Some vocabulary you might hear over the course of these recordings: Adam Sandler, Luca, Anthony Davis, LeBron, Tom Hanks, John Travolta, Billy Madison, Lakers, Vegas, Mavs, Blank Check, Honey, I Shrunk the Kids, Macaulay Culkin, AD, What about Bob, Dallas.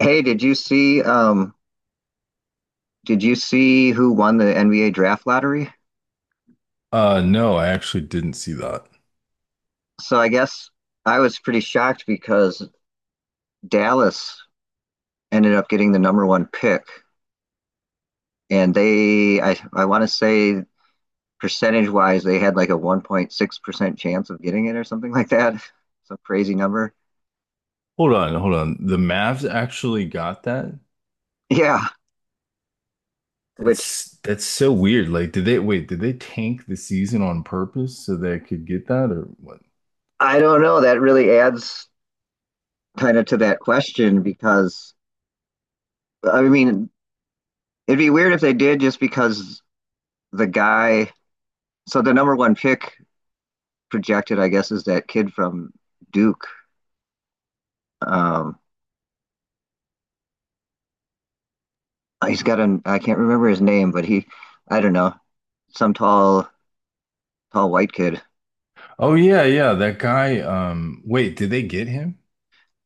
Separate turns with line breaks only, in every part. Hey, did you see who won the NBA draft lottery?
No, I actually didn't see that.
So I guess I was pretty shocked because Dallas ended up getting the number one pick, and they. I want to say percentage wise they had like a 1.6% chance of getting it or something like that. Some crazy number.
Hold on, hold on. The Mavs actually got that?
Yeah, which
That's so weird. Like, did they tank the season on purpose so they could get that or what?
I don't know, that really adds kind of to that question because I mean it'd be weird if they did just because the guy, so the number one pick projected, I guess, is that kid from Duke. Um, he's got an I can't remember his name, but he, I don't know, some tall tall white kid.
Oh yeah, yeah, that guy wait, did they get him?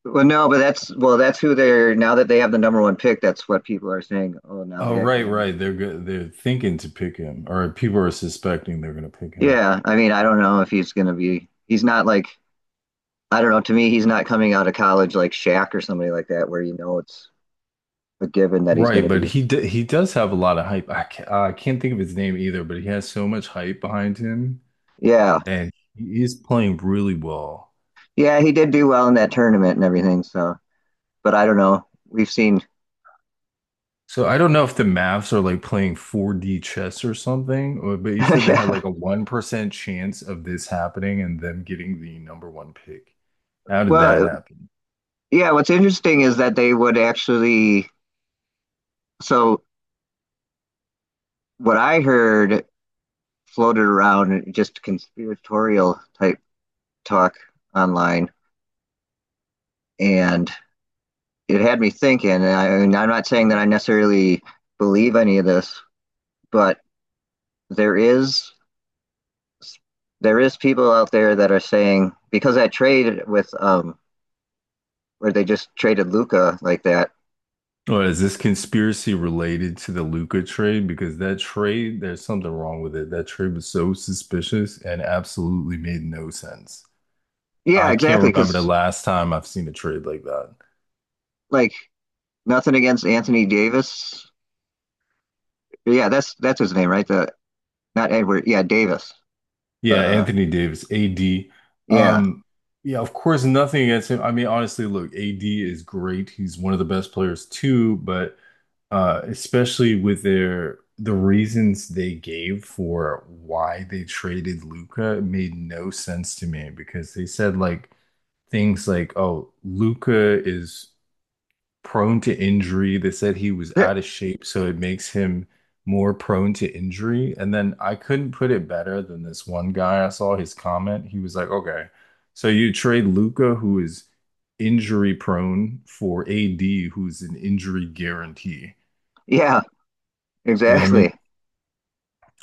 Well, no, but that's well, that's who they're, now that they have the number one pick, that's what people are saying. Oh,
Oh right,
now they can
right.
get it.
They're thinking to pick him, or people are suspecting they're going to pick him.
Yeah, I mean, I don't know if he's gonna be. He's not like I don't know. To me, he's not coming out of college like Shaq or somebody like that, where it's a given that he's
Right,
gonna
but
be.
he does have a lot of hype. I can't think of his name either, but he has so much hype behind him,
Yeah,
and he is playing really well.
yeah, he did do well in that tournament and everything. So, but I don't know. We've seen.
So I don't know if the Mavs are like playing 4D chess or something, or, but you said they had
Yeah.
like a 1% chance of this happening and them getting the number one pick. How did that
Well,
happen?
yeah, what's interesting is that they would actually, so what I heard floated around, just conspiratorial type talk online, and it had me thinking. And I'm not saying that I necessarily believe any of this, but there is there is people out there that are saying because I traded with where they just traded Luca like that.
Or is this conspiracy related to the Luca trade? Because that trade, there's something wrong with it. That trade was so suspicious and absolutely made no sense.
Yeah,
I can't
exactly.
remember the
Because
last time I've seen a trade like that.
like nothing against Anthony Davis, yeah, that's his name, right? The not Edward, yeah, Davis. The
Yeah, Anthony Davis, AD.
yeah,
Um, yeah, of course, nothing against him. I mean, honestly, look, AD is great. He's one of the best players too, but especially with the reasons they gave for why they traded Luca made no sense to me, because they said like things like, "Oh, Luca is prone to injury." They said he was
Th-
out of shape, so it makes him more prone to injury. And then I couldn't put it better than this one guy. I saw his comment. He was like, okay, so you trade Luca, who is injury prone, for AD, who's an injury guarantee.
yeah,
You know what I mean?
exactly.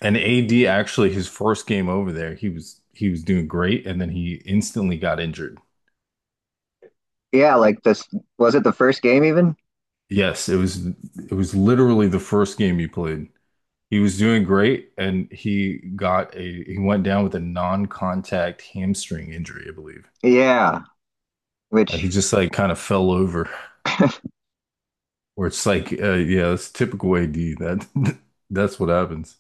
And AD actually, his first game over there, he was doing great, and then he instantly got injured.
Yeah, like this was it the first game even?
Yes, it was literally the first game he played. He was doing great, and he went down with a non-contact hamstring injury, I believe.
Yeah,
Like he
which
just like kind of fell over, or it's like, yeah, it's typical AD. That that's what happens.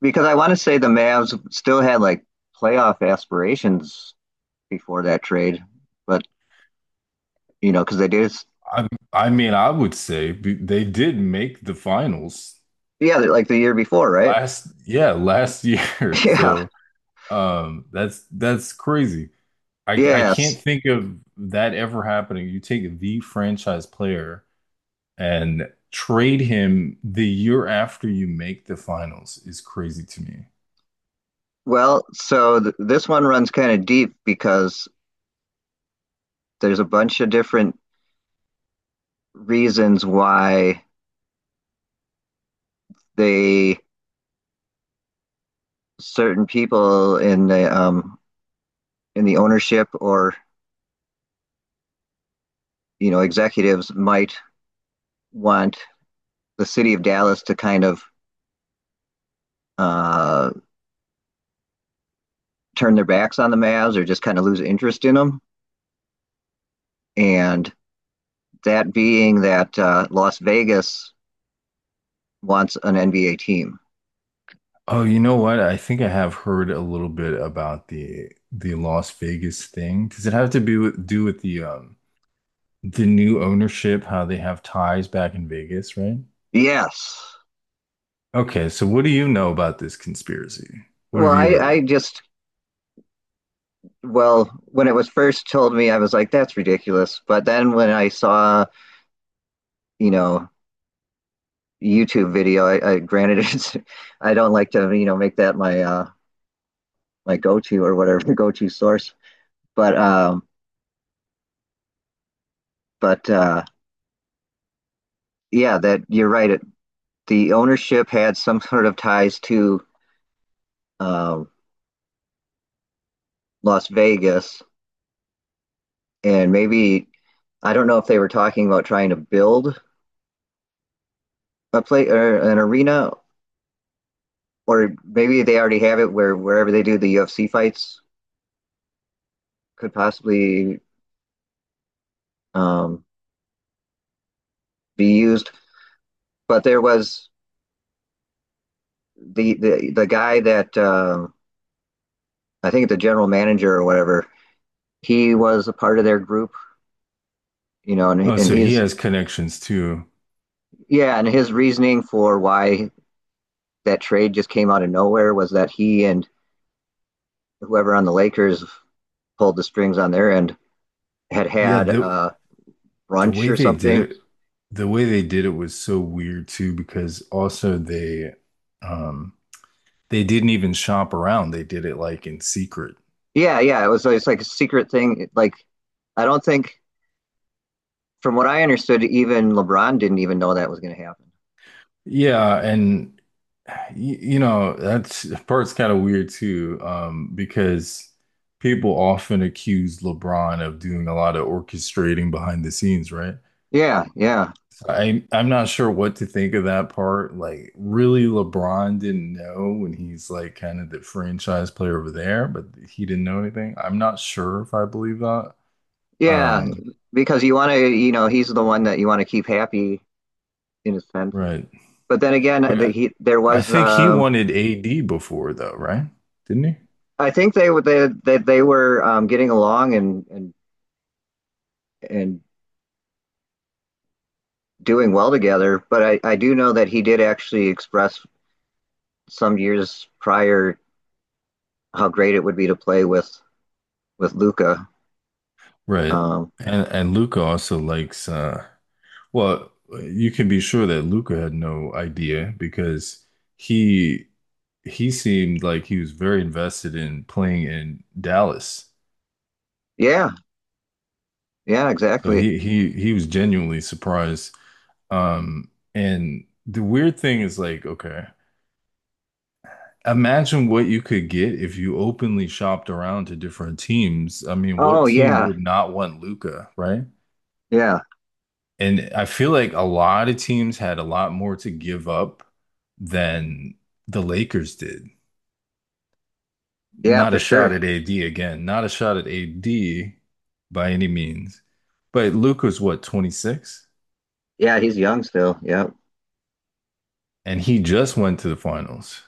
because I want to say the Mavs still had like playoff aspirations before that trade, but you know because they did,
I mean, I would say they did make the finals
yeah, like the year before, right?
yeah, last year.
Yeah,
So that's crazy. I can't
yes.
think of that ever happening. You take the franchise player and trade him the year after you make the finals is crazy to me.
Well, so th this one runs kind of deep because there's a bunch of different reasons why they, certain people in the ownership or you know executives might want the city of Dallas to kind of uh, turn their backs on the Mavs or just kind of lose interest in them, and that being that Las Vegas wants an NBA team.
Oh, you know what? I think I have heard a little bit about the Las Vegas thing. Does it have to be with, do with the new ownership, how they have ties back in Vegas, right?
Yes.
Okay, so what do you know about this conspiracy? What
Well,
have
I,
you heard?
I just well when it was first told me, I was like, that's ridiculous. But then when I saw you know YouTube video. I granted it's I don't like to you know make that my my go to or whatever go to source, but um but yeah that you're right. It, the ownership had some sort of ties to um, Las Vegas, and maybe I don't know if they were talking about trying to build a play or an arena, or maybe they already have it where wherever they do the UFC fights could possibly um, be used. But there was the guy that I think the general manager or whatever, he was a part of their group, you know, and
Oh,
and
so he
he's
has connections too.
yeah, and his reasoning for why that trade just came out of nowhere was that he and whoever on the Lakers pulled the strings on their end had
Yeah,
had
the
brunch
way
or
they did
something.
it, the way they did it was so weird too, because also um they didn't even shop around. They did it like in secret.
Yeah, yeah, it was, it's like a secret thing. Like I don't think, from what I understood, even LeBron didn't even know that was going to happen.
Yeah, and you know, that's that part's kind of weird too, because people often accuse LeBron of doing a lot of orchestrating behind the scenes, right?
Yeah, yeah.
So I'm not sure what to think of that part. Like, really, LeBron didn't know when he's like kind of the franchise player over there, but he didn't know anything. I'm not sure if I believe that.
Yeah,
Um,
because you want to, you know, he's the one that you want to keep happy in a sense.
right.
But then again, the,
But
he there
I
was,
think he wanted AD before though, right? Didn't he?
I think they were they were getting along and doing well together. But I do know that he did actually express some years prior how great it would be to play with Luca.
Right.
Um,
And Luca also likes well, you can be sure that Luca had no idea because he he seemed like he was very invested in playing in Dallas.
yeah, yeah,
So
exactly.
he was genuinely surprised. And the weird thing is like, okay, imagine what you could get if you openly shopped around to different teams. I mean, what
Oh
team
yeah,
would not want Luca, right?
yeah,
And I feel like a lot of teams had a lot more to give up than the Lakers did.
yeah,
Not a
for
shot
sure.
at AD again, not a shot at AD by any means. But Luka's what, 26?
Yeah, he's young still. Yeah,
And he just went to the finals.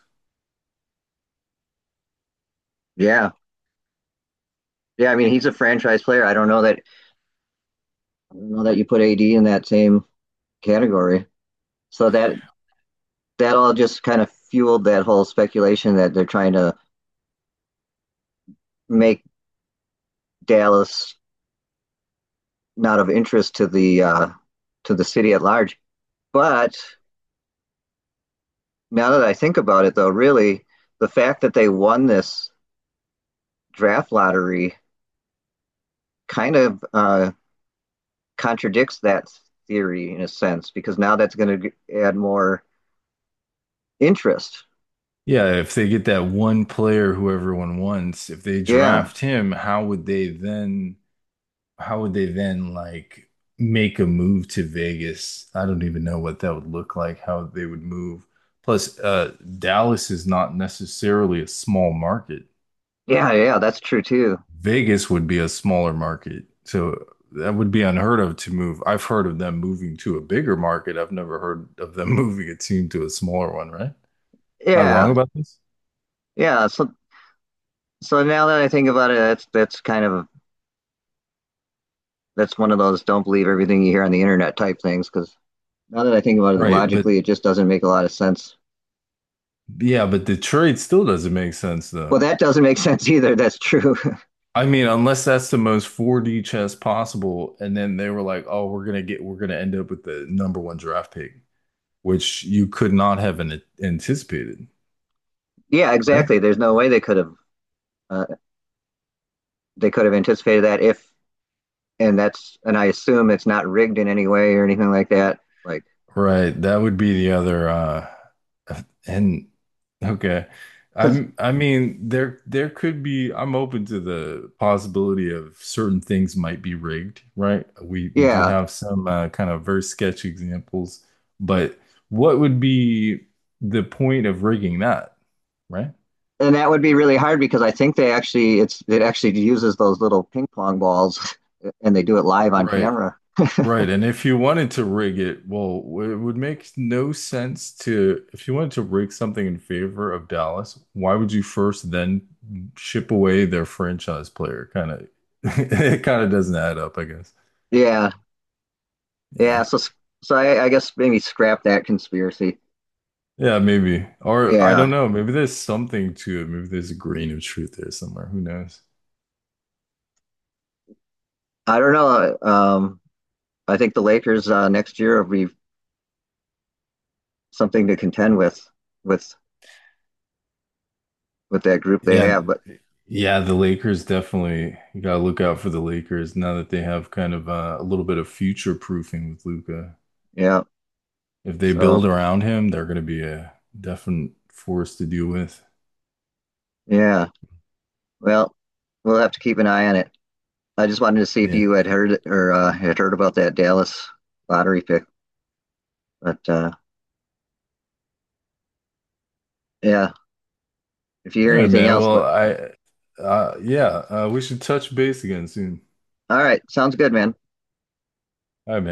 yeah, yeah. I mean, he's a franchise player. I don't know that you put AD in that same category. So that that all just kind of fueled that whole speculation that they're trying to make Dallas not of interest to the city at large. But now that I think about it, though, really the fact that they won this draft lottery kind of contradicts that theory in a sense because now that's going to add more interest.
Yeah, if they get that one player who everyone wants, if they
Yeah,
draft him, how would they then like make a move to Vegas? I don't even know what that would look like, how they would move. Plus, Dallas is not necessarily a small market.
yeah, yeah, that's true too.
Vegas would be a smaller market. So that would be unheard of to move. I've heard of them moving to a bigger market. I've never heard of them moving a team to a smaller one, right? Am I wrong
Yeah,
about this?
yeah. So now that I think about it, that's kind of that's one of those don't believe everything you hear on the internet type things. Because now that I think about it
Right, but
logically, it just doesn't make a lot of sense.
yeah, but Detroit still doesn't make sense though.
Well, that doesn't make sense either. That's true.
I mean, unless that's the most 4D chess possible, and then they were like, "Oh, we're gonna end up with the number one draft pick," which you could not have anticipated,
Yeah,
right?
exactly. There's no way uh, they could have anticipated that if, and I assume it's not rigged in any way or anything like that. Like,
Right. That would be the other. And Okay,
because
I mean, there could be. I'm open to the possibility of certain things might be rigged, right? We do
yeah,
have some kind of very sketch examples, but what would be the point of rigging that, right?
and that would be really hard because I think they actually it's it actually uses those little ping pong balls and they do it live on
Right,
camera.
right. And if you wanted to rig it, well, it would make no sense to, if you wanted to rig something in favor of Dallas, why would you first then ship away their franchise player? Kind of, it kind of doesn't add up, I guess.
Yeah. Yeah,
Yeah.
so so I guess maybe scrap that conspiracy.
Yeah, maybe. Or I don't
Yeah,
know. Maybe there's something to it. Maybe there's a grain of truth there somewhere. Who knows?
I don't know. I think the Lakers next year will be something to contend with with with that group they
Yeah.
have. But
Yeah, the Lakers definitely, you gotta look out for the Lakers now that they have kind of a little bit of future proofing with Luca.
yeah,
If they build
so
around him, they're going to be a definite force to deal with.
yeah, well, we'll have to keep an eye on it. I just wanted to see if
Yeah.
you had heard or had heard about that Dallas lottery pick. But yeah, if you
All
hear
right,
anything
man.
else,
Well,
let-
yeah, we should touch base again soon.
all right, sounds good, man.
All right, man.